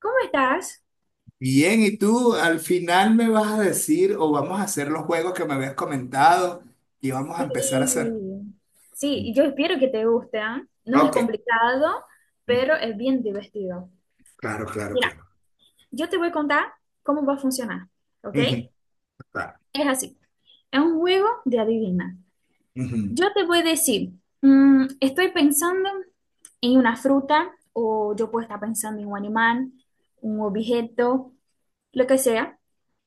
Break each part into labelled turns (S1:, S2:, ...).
S1: ¿Cómo estás?
S2: Bien, y tú al final me vas a decir o vamos a hacer los juegos que me habías comentado y vamos a empezar a
S1: Sí,
S2: hacer.
S1: sí, yo espero que te guste, ¿ah? No es
S2: Ok,
S1: complicado, pero es bien divertido.
S2: claro, claro,
S1: Mira,
S2: claro.
S1: yo te voy a contar cómo va a funcionar, ¿ok?
S2: Ujú, claro,
S1: Es así, es un juego de adivina.
S2: ujú.
S1: Yo te voy a decir, estoy pensando en una fruta, o yo puedo estar pensando en un animal, un objeto, lo que sea,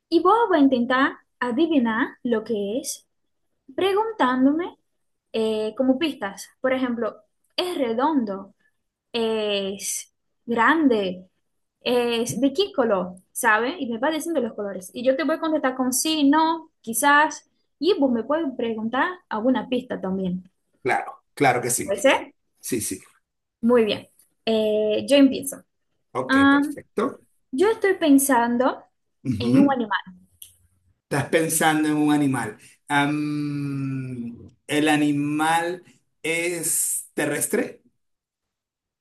S1: y vos vas a intentar adivinar lo que es, preguntándome como pistas. Por ejemplo, es redondo, es grande, es de qué color, ¿sabe? Y me va diciendo los colores. Y yo te voy a contestar con sí, no, quizás. Y vos me puedes preguntar alguna pista también.
S2: Claro, claro que sí.
S1: ¿Puede ser?
S2: Sí, sí.
S1: Muy bien. Yo empiezo.
S2: Ok,
S1: Am,
S2: perfecto.
S1: yo estoy pensando en un
S2: Ujú.
S1: animal.
S2: Estás pensando en un animal. ¿El animal es terrestre?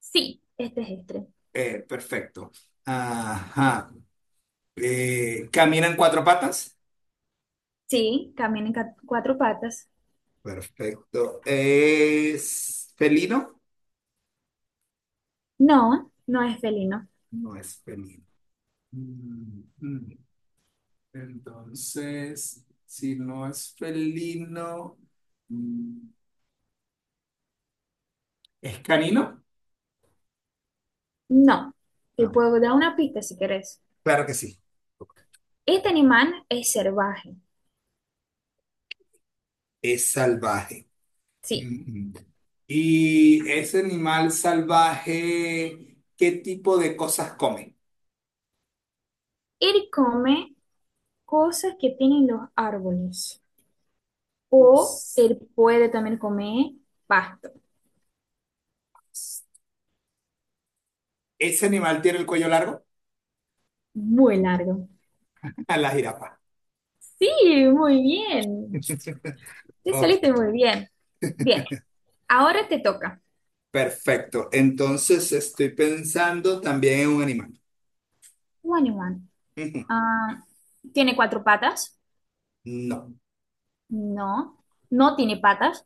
S1: Sí, este es.
S2: Perfecto. Ajá. ¿Camina en cuatro patas?
S1: Sí, camina en cuatro patas.
S2: Perfecto. ¿Es felino?
S1: No, no es felino.
S2: No es felino. Mm, mm. Entonces, si no es felino, mm, ¿es canino?
S1: No. Te
S2: No.
S1: puedo dar una pista si querés.
S2: Claro que sí.
S1: Este animal es salvaje,
S2: Es salvaje.
S1: sí.
S2: Mm, mm. ¿Y ese animal salvaje, qué tipo de cosas come?
S1: Él come cosas que tienen los árboles o
S2: Pues,
S1: él puede también comer pasto.
S2: ¿ese animal tiene el cuello largo?
S1: Muy largo.
S2: A la jirafa.
S1: Sí, muy bien. Te
S2: Ok.
S1: saliste muy bien. Bien, ahora te toca.
S2: Perfecto. Entonces estoy pensando también en un animal.
S1: Un animal.
S2: Ujú.
S1: Ah, ¿tiene cuatro patas?
S2: No.
S1: No. No tiene patas.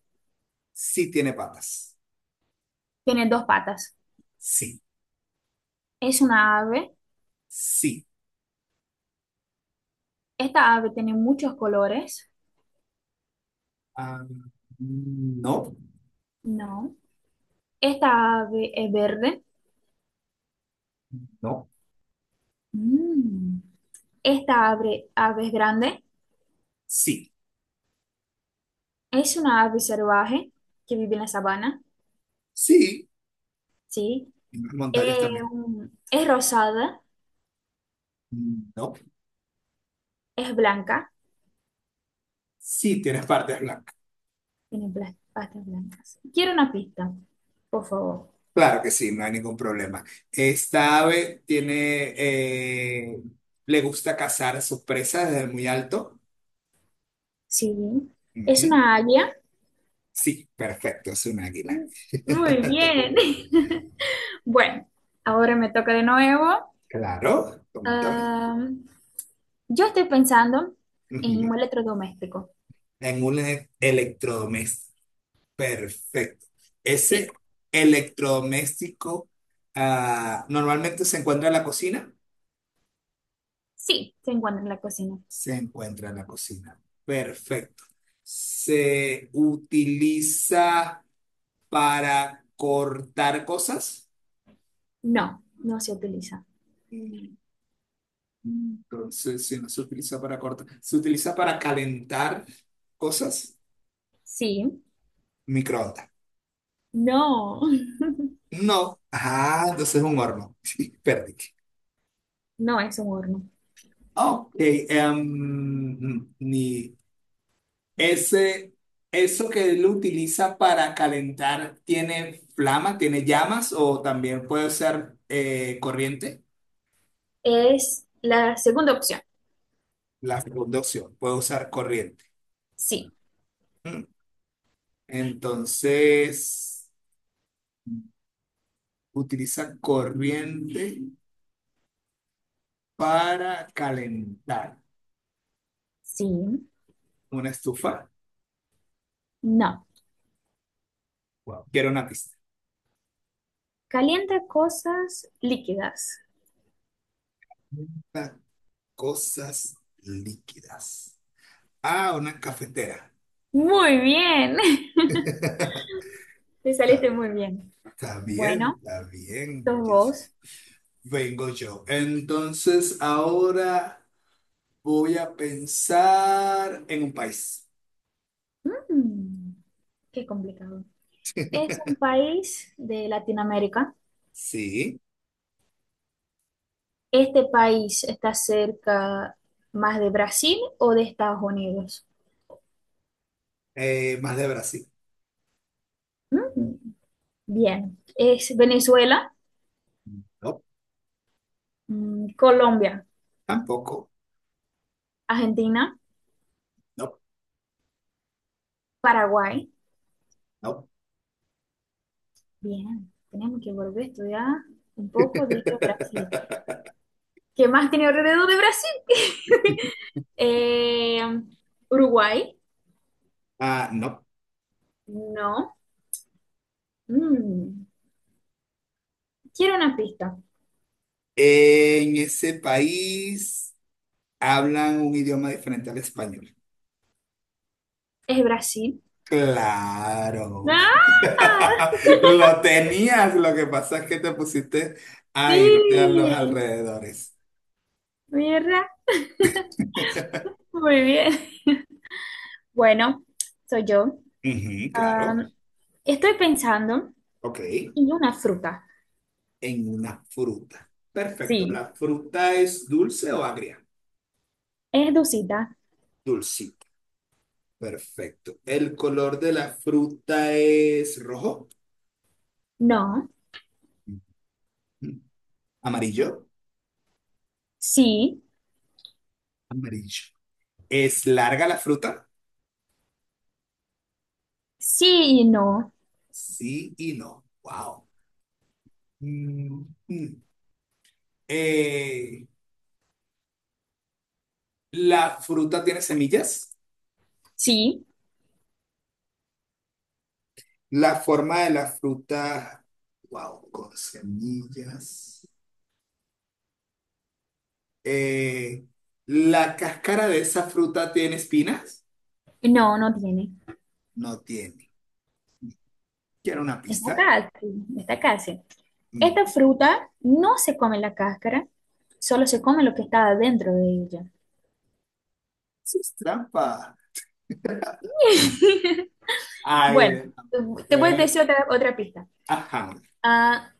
S2: Sí tiene patas.
S1: Tiene dos patas.
S2: Sí.
S1: ¿Es una ave?
S2: Sí.
S1: ¿Esta ave tiene muchos colores?
S2: Ah, no.
S1: No. ¿Esta ave es verde?
S2: No.
S1: Mm. Esta ave es grande,
S2: Sí.
S1: es una ave salvaje que vive en la sabana,
S2: Sí.
S1: ¿sí?
S2: En las montañas
S1: Eh,
S2: también.
S1: es rosada,
S2: No.
S1: es blanca,
S2: Sí tienes partes blancas.
S1: tiene patas blancas. Quiero una pista, por favor.
S2: Claro que sí, no hay ningún problema. Esta ave tiene, le gusta cazar a sus presas desde muy alto.
S1: Sí, es
S2: Ujú.
S1: una águila.
S2: Sí, perfecto, es un águila.
S1: Muy bien. Bueno, ahora me toca de nuevo.
S2: Claro, pregúntame.
S1: Am, yo estoy pensando en
S2: Ujú.
S1: un electrodoméstico.
S2: En un electrodoméstico. Perfecto. Ese
S1: Sí,
S2: electrodoméstico normalmente se encuentra en la cocina.
S1: sí, se encuentra en la cocina.
S2: Se encuentra en la cocina. Perfecto. Se utiliza para cortar cosas.
S1: No, no se utiliza.
S2: Mm. Entonces, si no se utiliza para cortar, se utiliza para calentar cosas.
S1: Sí.
S2: Microondas.
S1: No,
S2: No. Ah, entonces es un horno. Sí, perdí.
S1: no es un horno.
S2: Ok, ni ese, eso que él utiliza para calentar, tiene llamas o también puede ser corriente?
S1: Es la segunda opción.
S2: La segunda opción, puede usar corriente.
S1: Sí.
S2: Mm. Entonces, utiliza corriente para calentar
S1: Sí,
S2: una estufa.
S1: no.
S2: Wow. Quiero una pista.
S1: Calienta cosas líquidas.
S2: Calienta cosas líquidas. Ah, una cafetera.
S1: Muy bien,
S2: Está
S1: te saliste
S2: bien.
S1: muy bien.
S2: Está bien,
S1: Bueno,
S2: está bien.
S1: dos
S2: Jessica.
S1: vos.
S2: Vengo yo. Entonces, ahora voy a pensar en un país.
S1: mm, qué complicado. Es un país de Latinoamérica.
S2: Sí,
S1: ¿Este país está cerca más de Brasil o de Estados Unidos?
S2: más de Brasil.
S1: Mm, bien. Es Venezuela,
S2: No,
S1: Colombia,
S2: tampoco.
S1: Argentina.
S2: No,
S1: Paraguay.
S2: no.
S1: Bien, tenemos que volver a estudiar un poco de geografía. ¿Qué más tiene alrededor de Brasil? Eh, Uruguay.
S2: Ah, no.
S1: No. Mm, quiero una pista.
S2: En ese país hablan un idioma diferente al español.
S1: Es Brasil.
S2: Claro.
S1: ¡Ah!
S2: Lo tenías, lo que pasa es que te pusiste a irte a los
S1: Sí.
S2: alrededores.
S1: Mierda. Muy bien. Bueno, soy yo.
S2: Ujú, claro.
S1: Am, estoy pensando
S2: Ok.
S1: en una fruta.
S2: En una fruta. Perfecto.
S1: Sí.
S2: ¿La fruta es dulce o agria?
S1: ¿Es dulcita?
S2: Dulcita. Perfecto. ¿El color de la fruta es rojo?
S1: No.
S2: Ujú. ¿Amarillo?
S1: Sí.
S2: Amarillo. ¿Es larga la fruta?
S1: Sí, no.
S2: Sí y no. Wow. Mm, mm. Eh, ¿La fruta tiene semillas?
S1: Sí.
S2: La forma de la fruta. Wow, con semillas. eh, ¿La cáscara de esa fruta tiene espinas?
S1: No, no tiene.
S2: No tiene. ¿Quiero una
S1: Está
S2: pista?
S1: casi, está casi.
S2: Mm,
S1: Esta fruta no se come la cáscara, solo se come lo que está dentro de ella.
S2: Eso es trampa. Ay,
S1: Bueno,
S2: déjame
S1: te voy a
S2: ver.
S1: decir otra pista.
S2: Ajá.
S1: Ah,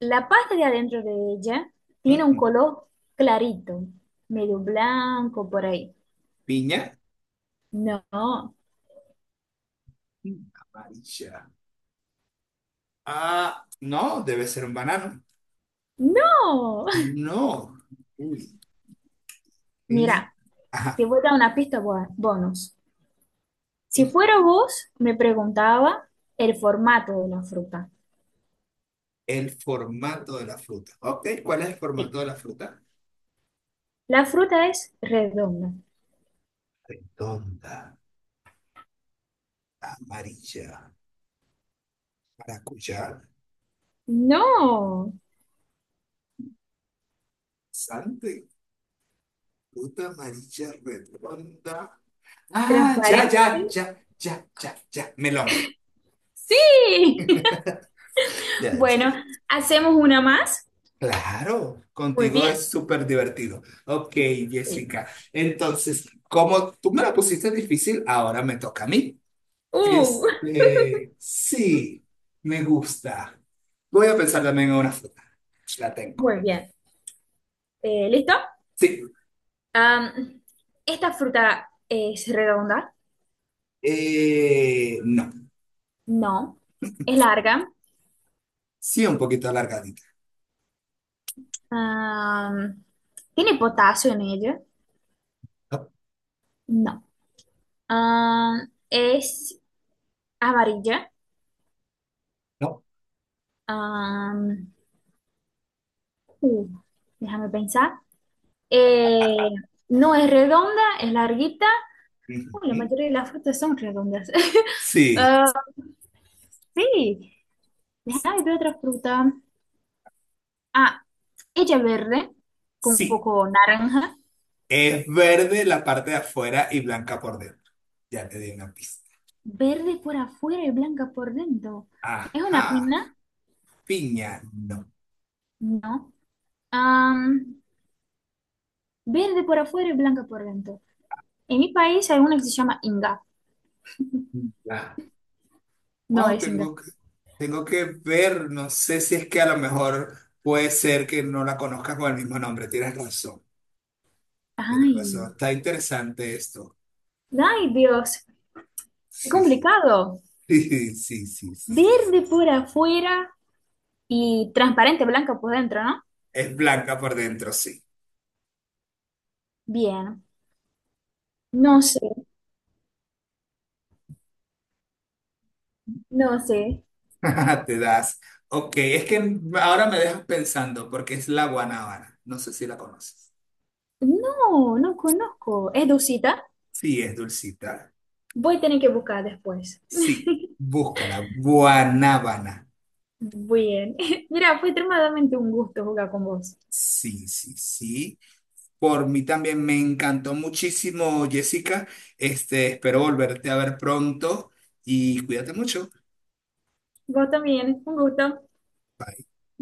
S1: la parte de adentro de ella tiene un
S2: Ujú.
S1: color clarito, medio blanco por ahí.
S2: ¿Piña?
S1: No,
S2: Amarilla. Ah, no, debe ser un banano.
S1: no.
S2: No. Uy. Mm,
S1: Mira, te
S2: ajá.
S1: voy a dar una pista bonus. Si fuera vos, me preguntaba el formato de la fruta.
S2: El formato de la fruta. Ok, ¿cuál es el
S1: Sí,
S2: formato de la fruta?
S1: la fruta es redonda.
S2: Redonda, amarilla, maracuyá,
S1: No,
S2: sante, fruta amarilla redonda. Ah, ya,
S1: transparente.
S2: ya, ya, ya, ya, ya. Melón.
S1: Sí.
S2: Ya, ya.
S1: Bueno, hacemos una más.
S2: Claro,
S1: Muy
S2: contigo
S1: bien.
S2: es súper divertido. Ok,
S1: Sí.
S2: Jessica. Entonces, como tú me la pusiste difícil, ahora me toca a mí.
S1: Uh,
S2: Este, sí, me gusta. Voy a pensar también en una fruta. La tengo.
S1: muy bien. ¿Listo?
S2: Sí.
S1: Am, ¿Esta fruta es redonda?
S2: No.
S1: No. ¿Es larga?
S2: Sí, un poquito alargadita.
S1: Am, ¿Tiene potasio en ella?
S2: No,
S1: No. ¿Es amarilla?
S2: no.
S1: Am, uh, déjame pensar. Eh, no es redonda, es larguita. La
S2: Ujú.
S1: mayoría de las frutas son redondas.
S2: Sí,
S1: Ah, sí, déjame ver otra fruta. Ah, ella verde, con un
S2: sí.
S1: poco naranja.
S2: Es verde la parte de afuera y blanca por dentro. Ya te di una pista.
S1: Verde por afuera y blanca por dentro. ¿Es una
S2: Ajá,
S1: pina?
S2: piña, no.
S1: No. Am, verde por afuera y blanca por dentro. En mi país hay una que se llama Inga.
S2: Ya.
S1: No
S2: Wow,
S1: es Inga.
S2: tengo que ver, no sé si es que a lo mejor puede ser que no la conozcas con el mismo nombre. Tienes razón, tienes
S1: Ay,
S2: razón. Está interesante esto.
S1: ay, Dios. Qué
S2: Sí, sí,
S1: complicado.
S2: sí, sí, sí, sí. Sí.
S1: Verde por afuera y transparente blanca por dentro, ¿no?
S2: Es blanca por dentro, sí.
S1: Bien. No sé, no sé.
S2: Te das. Ok, es que ahora me dejas pensando porque es la guanábana. No sé si la conoces.
S1: No, no conozco. ¿Es dulcita?
S2: Sí, es dulcita.
S1: Voy a tener que buscar después.
S2: Sí, búscala, guanábana.
S1: Bien. Mira, fue extremadamente un gusto jugar con vos.
S2: Sí, sí, sí. Por mí también me encantó muchísimo, Jessica. Este, espero volverte a ver pronto y cuídate mucho.
S1: Vos también, un gusto.
S2: Bye.